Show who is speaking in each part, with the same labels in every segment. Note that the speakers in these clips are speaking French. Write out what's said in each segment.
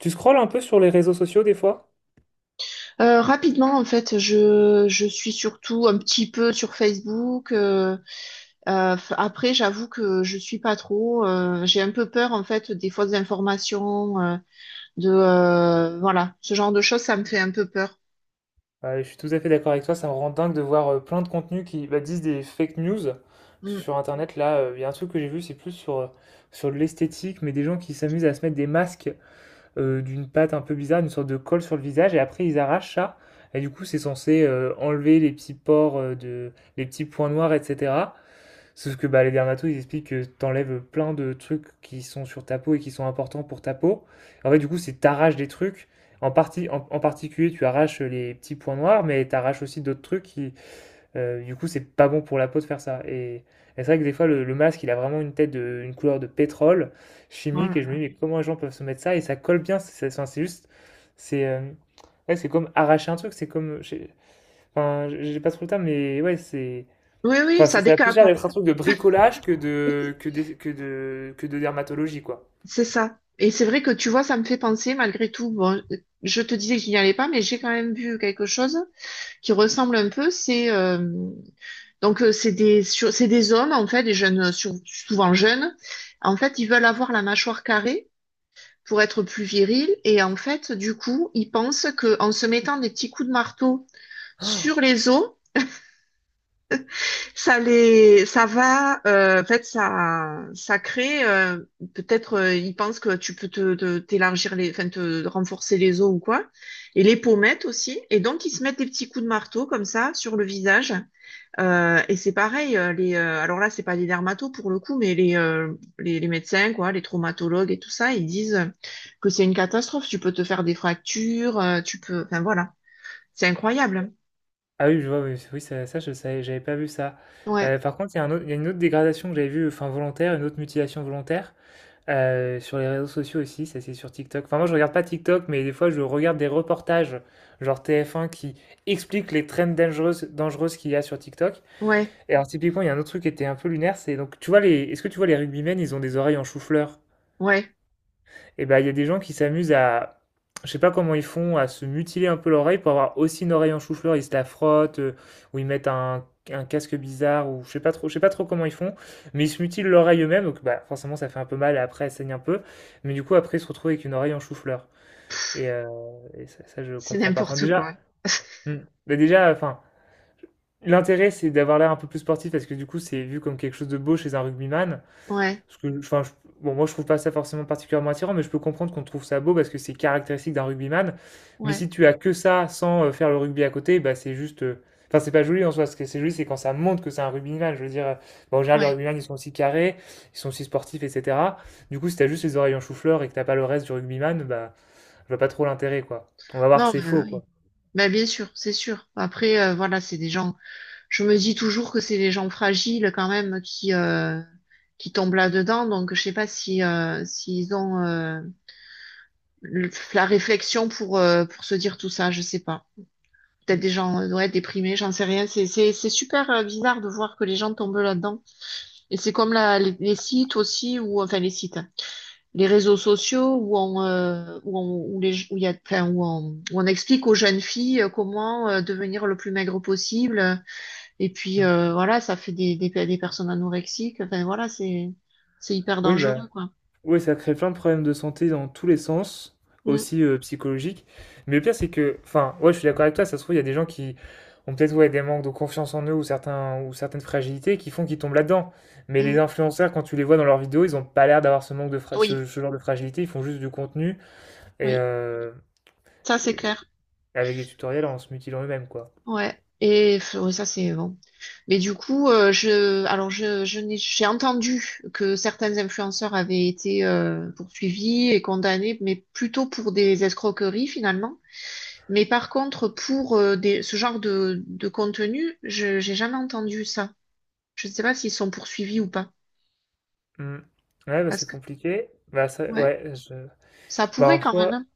Speaker 1: Tu scrolles un peu sur les réseaux sociaux des fois?
Speaker 2: Rapidement, en fait, je suis surtout un petit peu sur Facebook. Après, j'avoue que je suis pas trop. J'ai un peu peur, en fait, des fausses informations, de voilà, ce genre de choses, ça me fait un peu peur.
Speaker 1: Ouais, je suis tout à fait d'accord avec toi, ça me rend dingue de voir plein de contenus qui bah, disent des fake news
Speaker 2: Mm.
Speaker 1: sur Internet. Là, il y a un truc que j'ai vu, c'est plus sur l'esthétique, mais des gens qui s'amusent à se mettre des masques d'une pâte un peu bizarre, une sorte de colle sur le visage, et après ils arrachent ça. Et du coup, c'est censé enlever les petits pores, de, les petits points noirs, etc. Sauf que bah, les dermatos, ils expliquent que t'enlèves plein de trucs qui sont sur ta peau et qui sont importants pour ta peau. En fait, du coup, c'est t'arraches des trucs. En particulier, tu arraches les petits points noirs, mais t'arraches aussi d'autres trucs qui, du coup, c'est pas bon pour la peau de faire ça. Et c'est vrai que des fois, le masque, il a vraiment une une couleur de pétrole
Speaker 2: Oh
Speaker 1: chimique,
Speaker 2: là
Speaker 1: et je me
Speaker 2: là.
Speaker 1: dis, mais comment les gens peuvent se mettre ça? Et ça colle bien, enfin, c'est juste, c'est ouais, c'est comme arracher un truc, c'est comme, je enfin, j'ai pas trop le temps, mais ouais, c'est.
Speaker 2: Oui, oui,
Speaker 1: Enfin,
Speaker 2: ça
Speaker 1: ça a plus
Speaker 2: décape,
Speaker 1: l'air
Speaker 2: hein.
Speaker 1: d'être un truc de bricolage que de, que de dermatologie, quoi.
Speaker 2: C'est ça. Et c'est vrai que tu vois, ça me fait penser, malgré tout, bon, je te disais que je n'y allais pas, mais j'ai quand même vu quelque chose qui ressemble un peu. C'est c'est des hommes, en fait, des jeunes, souvent jeunes. En fait, ils veulent avoir la mâchoire carrée pour être plus virils. Et en fait, du coup, ils pensent qu'en se mettant des petits coups de marteau sur les os, ça les, ça va, en fait, ça crée, peut-être, ils pensent que tu peux t'élargir les, enfin, te renforcer les os ou quoi. Et les pommettes aussi. Et donc, ils se mettent des petits coups de marteau comme ça sur le visage. Et c'est pareil, alors là, c'est pas des dermatos pour le coup, mais les médecins, quoi, les traumatologues et tout ça, ils disent que c'est une catastrophe. Tu peux te faire des fractures, tu peux, enfin voilà, c'est incroyable.
Speaker 1: Ah oui, je vois, oui, oui, ça, je savais, j'avais pas vu ça.
Speaker 2: Ouais,
Speaker 1: Par contre, il y a il y a une autre dégradation que j'avais vue, enfin volontaire, une autre mutilation volontaire, sur les réseaux sociaux aussi, ça c'est sur TikTok. Enfin, moi je regarde pas TikTok, mais des fois je regarde des reportages, genre TF1, qui expliquent les trends dangereuses qu'il y a sur TikTok.
Speaker 2: ouais,
Speaker 1: Et alors, typiquement, il y a un autre truc qui était un peu lunaire, c'est donc, tu vois, est-ce que tu vois les rugbymen, ils ont des oreilles en chou-fleur?
Speaker 2: ouais,
Speaker 1: Et ben, il y a des gens qui s'amusent à, je sais pas comment ils font, à se mutiler un peu l'oreille pour avoir aussi une oreille en chou-fleur. Ils se la frottent, ou ils mettent un casque bizarre, ou je sais pas trop comment ils font, mais ils se mutilent l'oreille eux-mêmes, donc bah, forcément ça fait un peu mal et après elle saigne un peu. Mais du coup, après, ils se retrouvent avec une oreille en chou-fleur. Et, euh, et ça, je
Speaker 2: c'est
Speaker 1: comprends pas. Enfin,
Speaker 2: n'importe
Speaker 1: déjà,
Speaker 2: quoi.
Speaker 1: hmm, bah, déjà, enfin. L'intérêt, c'est d'avoir l'air un peu plus sportif parce que du coup, c'est vu comme quelque chose de beau chez un rugbyman.
Speaker 2: Ouais,
Speaker 1: Parce que, enfin, bon, moi je trouve pas ça forcément particulièrement attirant, mais je peux comprendre qu'on trouve ça beau parce que c'est caractéristique d'un rugbyman. Mais
Speaker 2: ouais,
Speaker 1: si tu as que ça sans faire le rugby à côté, bah c'est juste. Enfin, c'est pas joli en soi. Ce que c'est joli, c'est quand ça montre que c'est un rugbyman. Je veux dire, bon, en général, les
Speaker 2: ouais.
Speaker 1: rugbyman ils sont aussi carrés, ils sont aussi sportifs, etc. Du coup, si t'as juste les oreilles en chou-fleur et que t'as pas le reste du rugbyman, bah, je vois pas trop l'intérêt, quoi. On va voir que
Speaker 2: Non,
Speaker 1: c'est
Speaker 2: mais
Speaker 1: faux,
Speaker 2: oui.
Speaker 1: quoi.
Speaker 2: Bah, bien sûr, c'est sûr. Après, voilà, c'est des gens. Je me dis toujours que c'est des gens fragiles quand même qui qui tombent là-dedans. Donc, je sais pas si s'ils ont la réflexion pour se dire tout ça, je sais pas. Peut-être des gens ouais, déprimés, j'en sais rien. C'est super bizarre de voir que les gens tombent là-dedans. Et c'est comme les sites aussi, ou enfin les sites, hein, les réseaux sociaux où on, où on, où les, où il y a, enfin, où on, où on explique aux jeunes filles comment devenir le plus maigre possible. Et puis
Speaker 1: Mm.
Speaker 2: voilà, ça fait des personnes anorexiques. Enfin voilà, c'est hyper
Speaker 1: Oui, bah.
Speaker 2: dangereux, quoi.
Speaker 1: Oui, ça crée plein de problèmes de santé dans tous les sens,
Speaker 2: Mm,
Speaker 1: aussi psychologiques. Mais le pire, c'est que, enfin, ouais, je suis d'accord avec toi, ça se trouve, il y a des gens qui ont peut-être ouais, des manques de confiance en eux ou certaines fragilités qui font qu'ils tombent là-dedans. Mais les
Speaker 2: mm.
Speaker 1: influenceurs, quand tu les vois dans leurs vidéos, ils n'ont pas l'air d'avoir ce manque de
Speaker 2: Oui,
Speaker 1: ce genre de fragilité, ils font juste du contenu et,
Speaker 2: oui,
Speaker 1: euh,
Speaker 2: ça c'est
Speaker 1: et
Speaker 2: clair.
Speaker 1: avec des tutoriels en se mutilant eux-mêmes, quoi.
Speaker 2: Ouais. Et pff, ouais, ça, c'est bon. Mais du coup, je j'ai entendu que certains influenceurs avaient été poursuivis et condamnés, mais plutôt pour des escroqueries finalement. Mais par contre, pour ce genre de contenu, j'ai jamais entendu ça. Je ne sais pas s'ils sont poursuivis ou pas.
Speaker 1: Hmm. Ouais, bah,
Speaker 2: Parce
Speaker 1: c'est
Speaker 2: que,
Speaker 1: compliqué. Bah, ça,
Speaker 2: ouais,
Speaker 1: ouais,
Speaker 2: ça
Speaker 1: bah,
Speaker 2: pourrait
Speaker 1: en
Speaker 2: quand même,
Speaker 1: soi,
Speaker 2: hein.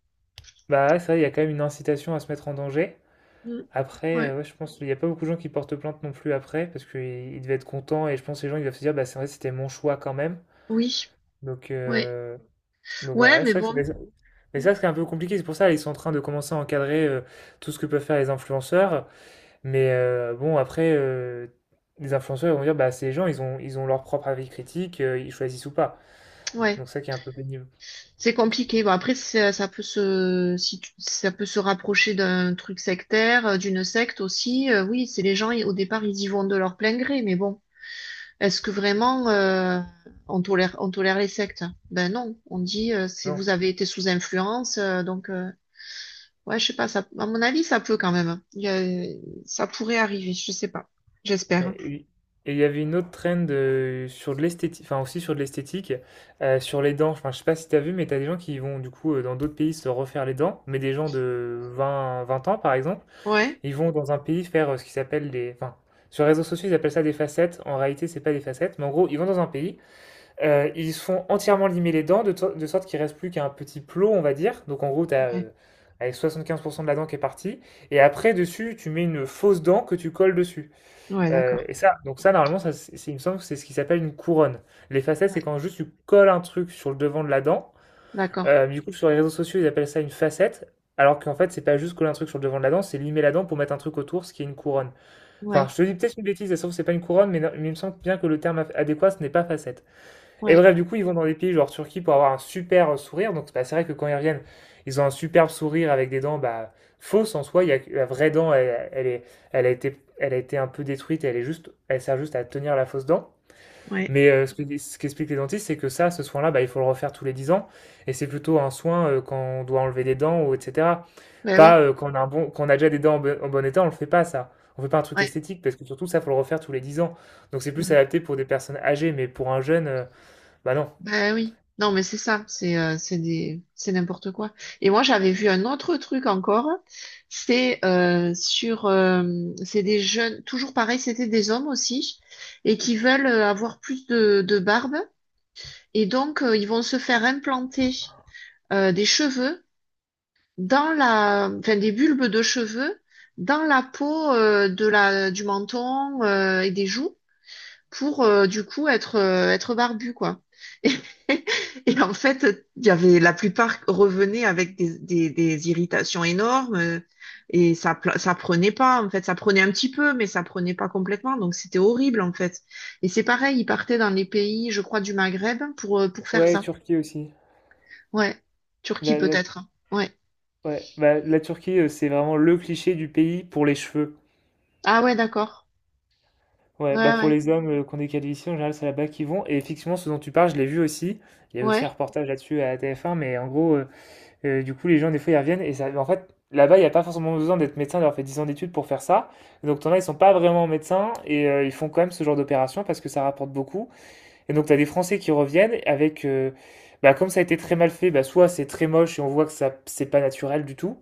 Speaker 1: bah, ouais, c'est vrai, il y a quand même une incitation à se mettre en danger.
Speaker 2: Mm.
Speaker 1: Après,
Speaker 2: Ouais.
Speaker 1: ouais, je pense qu'il n'y a pas beaucoup de gens qui portent plainte non plus après, parce qu'ils devaient être contents, et je pense que les gens ils doivent se dire, bah, c'est vrai, c'était mon choix quand même.
Speaker 2: Oui.
Speaker 1: Donc,
Speaker 2: Ouais.
Speaker 1: euh, donc voilà,
Speaker 2: Ouais,
Speaker 1: ouais, c'est
Speaker 2: mais
Speaker 1: vrai que
Speaker 2: bon.
Speaker 1: mais
Speaker 2: Mm.
Speaker 1: ça, c'est un peu compliqué, c'est pour ça ils sont en train de commencer à encadrer tout ce que peuvent faire les influenceurs. Mais bon, après, les influenceurs ils vont dire, bah, ces gens, ils ont leur propre avis critique, ils choisissent ou pas.
Speaker 2: Ouais.
Speaker 1: Donc ça qui est un peu pénible.
Speaker 2: C'est compliqué. Bon, après, ça peut se, si tu- ça peut se rapprocher d'un truc sectaire, d'une secte aussi. Oui, c'est les gens, ils- au départ, ils y vont de leur plein gré. Mais bon, est-ce que vraiment on tolère les sectes? Ben non. On dit, c'est vous avez été sous influence. Ouais, je sais pas. Ça, à mon avis, ça peut quand même. Ça pourrait arriver. Je sais pas.
Speaker 1: Euh,
Speaker 2: J'espère.
Speaker 1: Et et il y avait une autre trend sur de l'esthétique, enfin aussi sur de l'esthétique, sur les dents. Enfin, je sais pas si t'as vu, mais t'as des gens qui vont du coup dans d'autres pays se refaire les dents, mais des gens de vingt ans par exemple,
Speaker 2: Ouais.
Speaker 1: ils vont dans un pays faire ce qui s'appelle des. Enfin, sur les réseaux sociaux, ils appellent ça des facettes. En réalité, c'est pas des facettes, mais en gros, ils vont dans un pays, ils se font entièrement limer les dents de sorte qu'il reste plus qu'un petit plot, on va dire. Donc en gros, t'as.
Speaker 2: Ouais.
Speaker 1: Avec 75% de la dent qui est partie, et après dessus, tu mets une fausse dent que tu colles dessus.
Speaker 2: Ouais,
Speaker 1: Euh,
Speaker 2: d'accord.
Speaker 1: et ça, donc ça, normalement, ça, il me semble que c'est ce qui s'appelle une couronne. Les facettes, c'est
Speaker 2: Ouais.
Speaker 1: quand juste tu colles un truc sur le devant de la dent.
Speaker 2: D'accord.
Speaker 1: Du coup, sur les réseaux sociaux, ils appellent ça une facette. Alors qu'en fait, c'est pas juste coller un truc sur le devant de la dent, c'est limer la dent pour mettre un truc autour, ce qui est une couronne. Enfin,
Speaker 2: Ouais.
Speaker 1: je te dis peut-être une bêtise, sauf que c'est pas une couronne, mais, non- mais il me semble bien que le terme adéquat, ce n'est pas facette. Et
Speaker 2: Ouais.
Speaker 1: bref, du coup, ils vont dans des pays genre Turquie pour avoir un super sourire. Donc, bah, c'est vrai que quand ils reviennent, ils ont un superbe sourire avec des dents bah, fausses en soi. Que la vraie dent, elle a été un peu détruite. Elle sert juste à tenir la fausse dent.
Speaker 2: Ouais.
Speaker 1: Mais ce qu'expliquent les dentistes, c'est que ça, ce soin-là, bah, il faut le refaire tous les 10 ans. Et c'est plutôt un soin quand on doit enlever des dents ou etc.
Speaker 2: Ben
Speaker 1: Pas
Speaker 2: oui.
Speaker 1: quand on a quand on a déjà des dents en bon état, on le fait pas ça. On fait pas un truc
Speaker 2: Ouais.
Speaker 1: esthétique parce que surtout ça, faut le refaire tous les 10 ans. Donc c'est plus
Speaker 2: Mm.
Speaker 1: adapté pour des personnes âgées, mais pour un jeune, bah non.
Speaker 2: Ben oui, non mais c'est ça, c'est des c'est n'importe quoi. Et moi j'avais vu un autre truc encore, c'est sur c'est des jeunes, toujours pareil, c'était des hommes aussi et qui veulent avoir plus de barbe et donc ils vont se faire implanter des cheveux dans la enfin des bulbes de cheveux dans la peau de la du menton et des joues pour être barbu, quoi. Et, et en fait, il y avait la plupart revenaient avec des irritations énormes et ça prenait pas, en fait, ça prenait un petit peu, mais ça prenait pas complètement, donc c'était horrible, en fait. Et c'est pareil, ils partaient dans les pays, je crois, du Maghreb pour faire
Speaker 1: Ouais,
Speaker 2: ça.
Speaker 1: Turquie aussi.
Speaker 2: Ouais. Turquie
Speaker 1: La, la-
Speaker 2: peut-être, hein. Ouais.
Speaker 1: ouais. Bah, la Turquie, c'est vraiment le cliché du pays pour les cheveux.
Speaker 2: Ah ouais, d'accord.
Speaker 1: Ouais, bah
Speaker 2: Ouais,
Speaker 1: pour
Speaker 2: ouais.
Speaker 1: les hommes qu'on est calvitie, en général, c'est là-bas qu'ils vont. Et effectivement, ce dont tu parles, je l'ai vu aussi. Il y a aussi
Speaker 2: Ouais.
Speaker 1: un reportage là-dessus à TF1, mais en gros, du coup, les gens, des fois, ils reviennent. Et ça, en fait, là-bas, il n'y a pas forcément besoin d'être médecin, d'avoir fait 10 ans d'études pour faire ça. Donc, t'en as, ils sont pas vraiment médecins et ils font quand même ce genre d'opération parce que ça rapporte beaucoup. Et donc, tu as des Français qui reviennent avec. Bah, comme ça a été très mal fait, bah, soit c'est très moche et on voit que ça, c'est pas naturel du tout.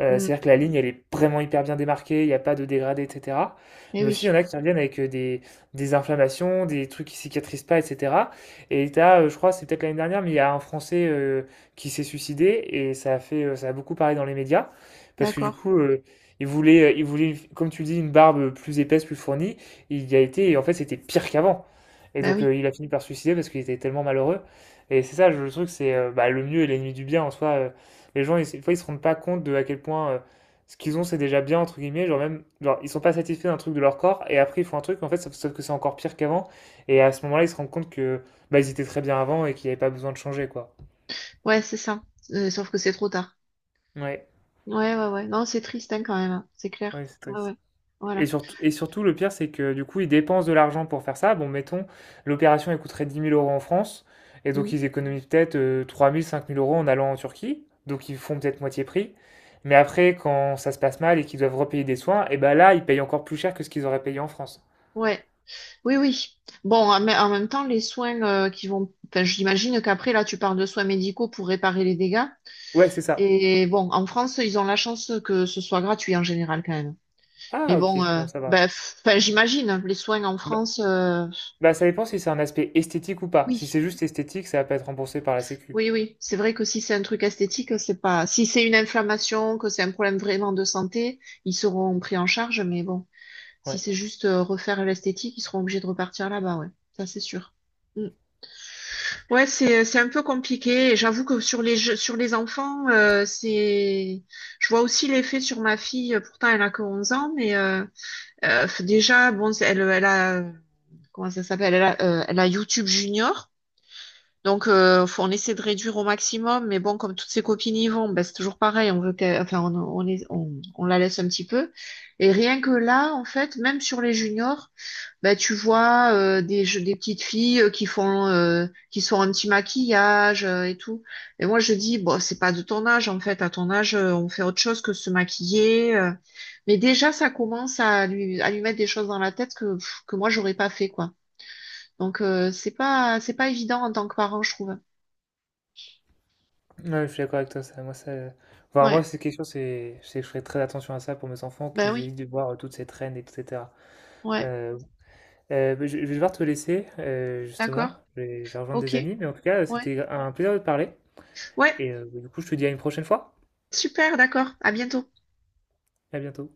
Speaker 1: Euh,
Speaker 2: Mm.
Speaker 1: c'est-à-dire que la ligne, elle est vraiment hyper bien démarquée, il n'y a pas de dégradé, etc.
Speaker 2: Eh
Speaker 1: Mais aussi, il y en
Speaker 2: oui,
Speaker 1: a qui reviennent avec des inflammations, des trucs qui cicatrisent pas, etc. Et je crois, c'est peut-être l'année dernière, mais il y a un Français qui s'est suicidé et ça a ça a beaucoup parlé dans les médias parce que du
Speaker 2: d'accord.
Speaker 1: coup, il voulait, comme tu dis, une barbe plus épaisse, plus fournie. Il y a été et en fait, c'était pire qu'avant. Et
Speaker 2: Ben
Speaker 1: donc,
Speaker 2: oui.
Speaker 1: il a fini par se suicider parce qu'il était tellement malheureux. Et c'est ça, le truc, c'est bah, le mieux est l'ennemi du bien en soi. Les gens, ils, des fois, ils se rendent pas compte de à quel point ce qu'ils ont, c'est déjà bien, entre guillemets. Genre, même, genre, ils sont pas satisfaits d'un truc de leur corps, et après, ils font un truc, en fait, sauf que c'est encore pire qu'avant. Et à ce moment-là, ils se rendent compte que, bah, ils étaient très bien avant et qu'il n'y avait pas besoin de changer, quoi.
Speaker 2: Ouais, c'est ça. Sauf que c'est trop tard.
Speaker 1: Ouais,
Speaker 2: Ouais, ouais, ouais. Non, c'est triste hein, quand même, hein. C'est clair.
Speaker 1: ouais, c'est
Speaker 2: Ouais,
Speaker 1: triste.
Speaker 2: ouais.
Speaker 1: Et
Speaker 2: Voilà.
Speaker 1: surtout et surtout, le pire, c'est que du coup, ils dépensent de l'argent pour faire ça. Bon, mettons, l'opération, elle coûterait 10 000 € en France. Et
Speaker 2: Mm.
Speaker 1: donc, ils économisent peut-être 3 000, 5 000 euros en allant en Turquie. Donc, ils font peut-être moitié prix. Mais après, quand ça se passe mal et qu'ils doivent repayer des soins, et ben là, ils payent encore plus cher que ce qu'ils auraient payé en France.
Speaker 2: Ouais. Oui, oui. Bon, mais en même temps, les soins qui vont. Enfin, j'imagine qu'après, là, tu parles de soins médicaux pour réparer les dégâts.
Speaker 1: Ouais, c'est ça.
Speaker 2: Et bon, en France, ils ont la chance que ce soit gratuit en général quand même. Mais
Speaker 1: Ah,
Speaker 2: bon,
Speaker 1: ok, bon, ça va.
Speaker 2: enfin, j'imagine, les soins en
Speaker 1: Bah,
Speaker 2: France,
Speaker 1: bah, ça dépend si c'est un aspect esthétique ou pas. Si
Speaker 2: oui.
Speaker 1: c'est juste esthétique, ça va pas être remboursé par la Sécu.
Speaker 2: Oui, oui. C'est vrai que si c'est un truc esthétique, c'est pas. Si c'est une inflammation, que c'est un problème vraiment de santé, ils seront pris en charge, mais bon. Si
Speaker 1: Ouais.
Speaker 2: c'est juste refaire l'esthétique, ils seront obligés de repartir là-bas, ouais. Ça, c'est sûr. Mm. Ouais, c'est un peu compliqué. Et j'avoue que sur sur les enfants, c'est je vois aussi l'effet sur ma fille. Pourtant, elle a que 11 ans, mais déjà, bon, elle a comment ça s'appelle? Elle a, elle a YouTube Junior. Donc, on essaie de réduire au maximum, mais bon, comme toutes ses copines y vont, ben, c'est toujours pareil. On veut qu'elle- enfin, on, les- On la laisse un petit peu. Et rien que là, en fait, même sur les juniors, ben, tu vois des petites filles qui sont un petit maquillage et tout. Et moi, je dis, bon, c'est pas de ton âge, en fait. À ton âge, on fait autre chose que se maquiller. Mais déjà, ça commence à lui mettre des choses dans la tête que, pff, que moi, j'aurais pas fait, quoi. Donc, c'est pas évident en tant que parent, je trouve.
Speaker 1: Ouais, je suis d'accord avec toi, ça, moi, ça, enfin, moi,
Speaker 2: Ouais,
Speaker 1: c'est quelque chose, c'est que je ferai très attention à ça pour mes enfants,
Speaker 2: bah
Speaker 1: qu'ils
Speaker 2: oui,
Speaker 1: évitent de voir toutes ces traînes, etc.
Speaker 2: ouais,
Speaker 1: Euh, bah, je vais devoir te laisser,
Speaker 2: d'accord,
Speaker 1: justement, je vais rejoindre des
Speaker 2: ok,
Speaker 1: amis, mais en tout cas,
Speaker 2: ouais,
Speaker 1: c'était un plaisir de te parler,
Speaker 2: ouais,
Speaker 1: et bah, du coup, je te dis à une prochaine fois,
Speaker 2: super, d'accord, à bientôt.
Speaker 1: à bientôt.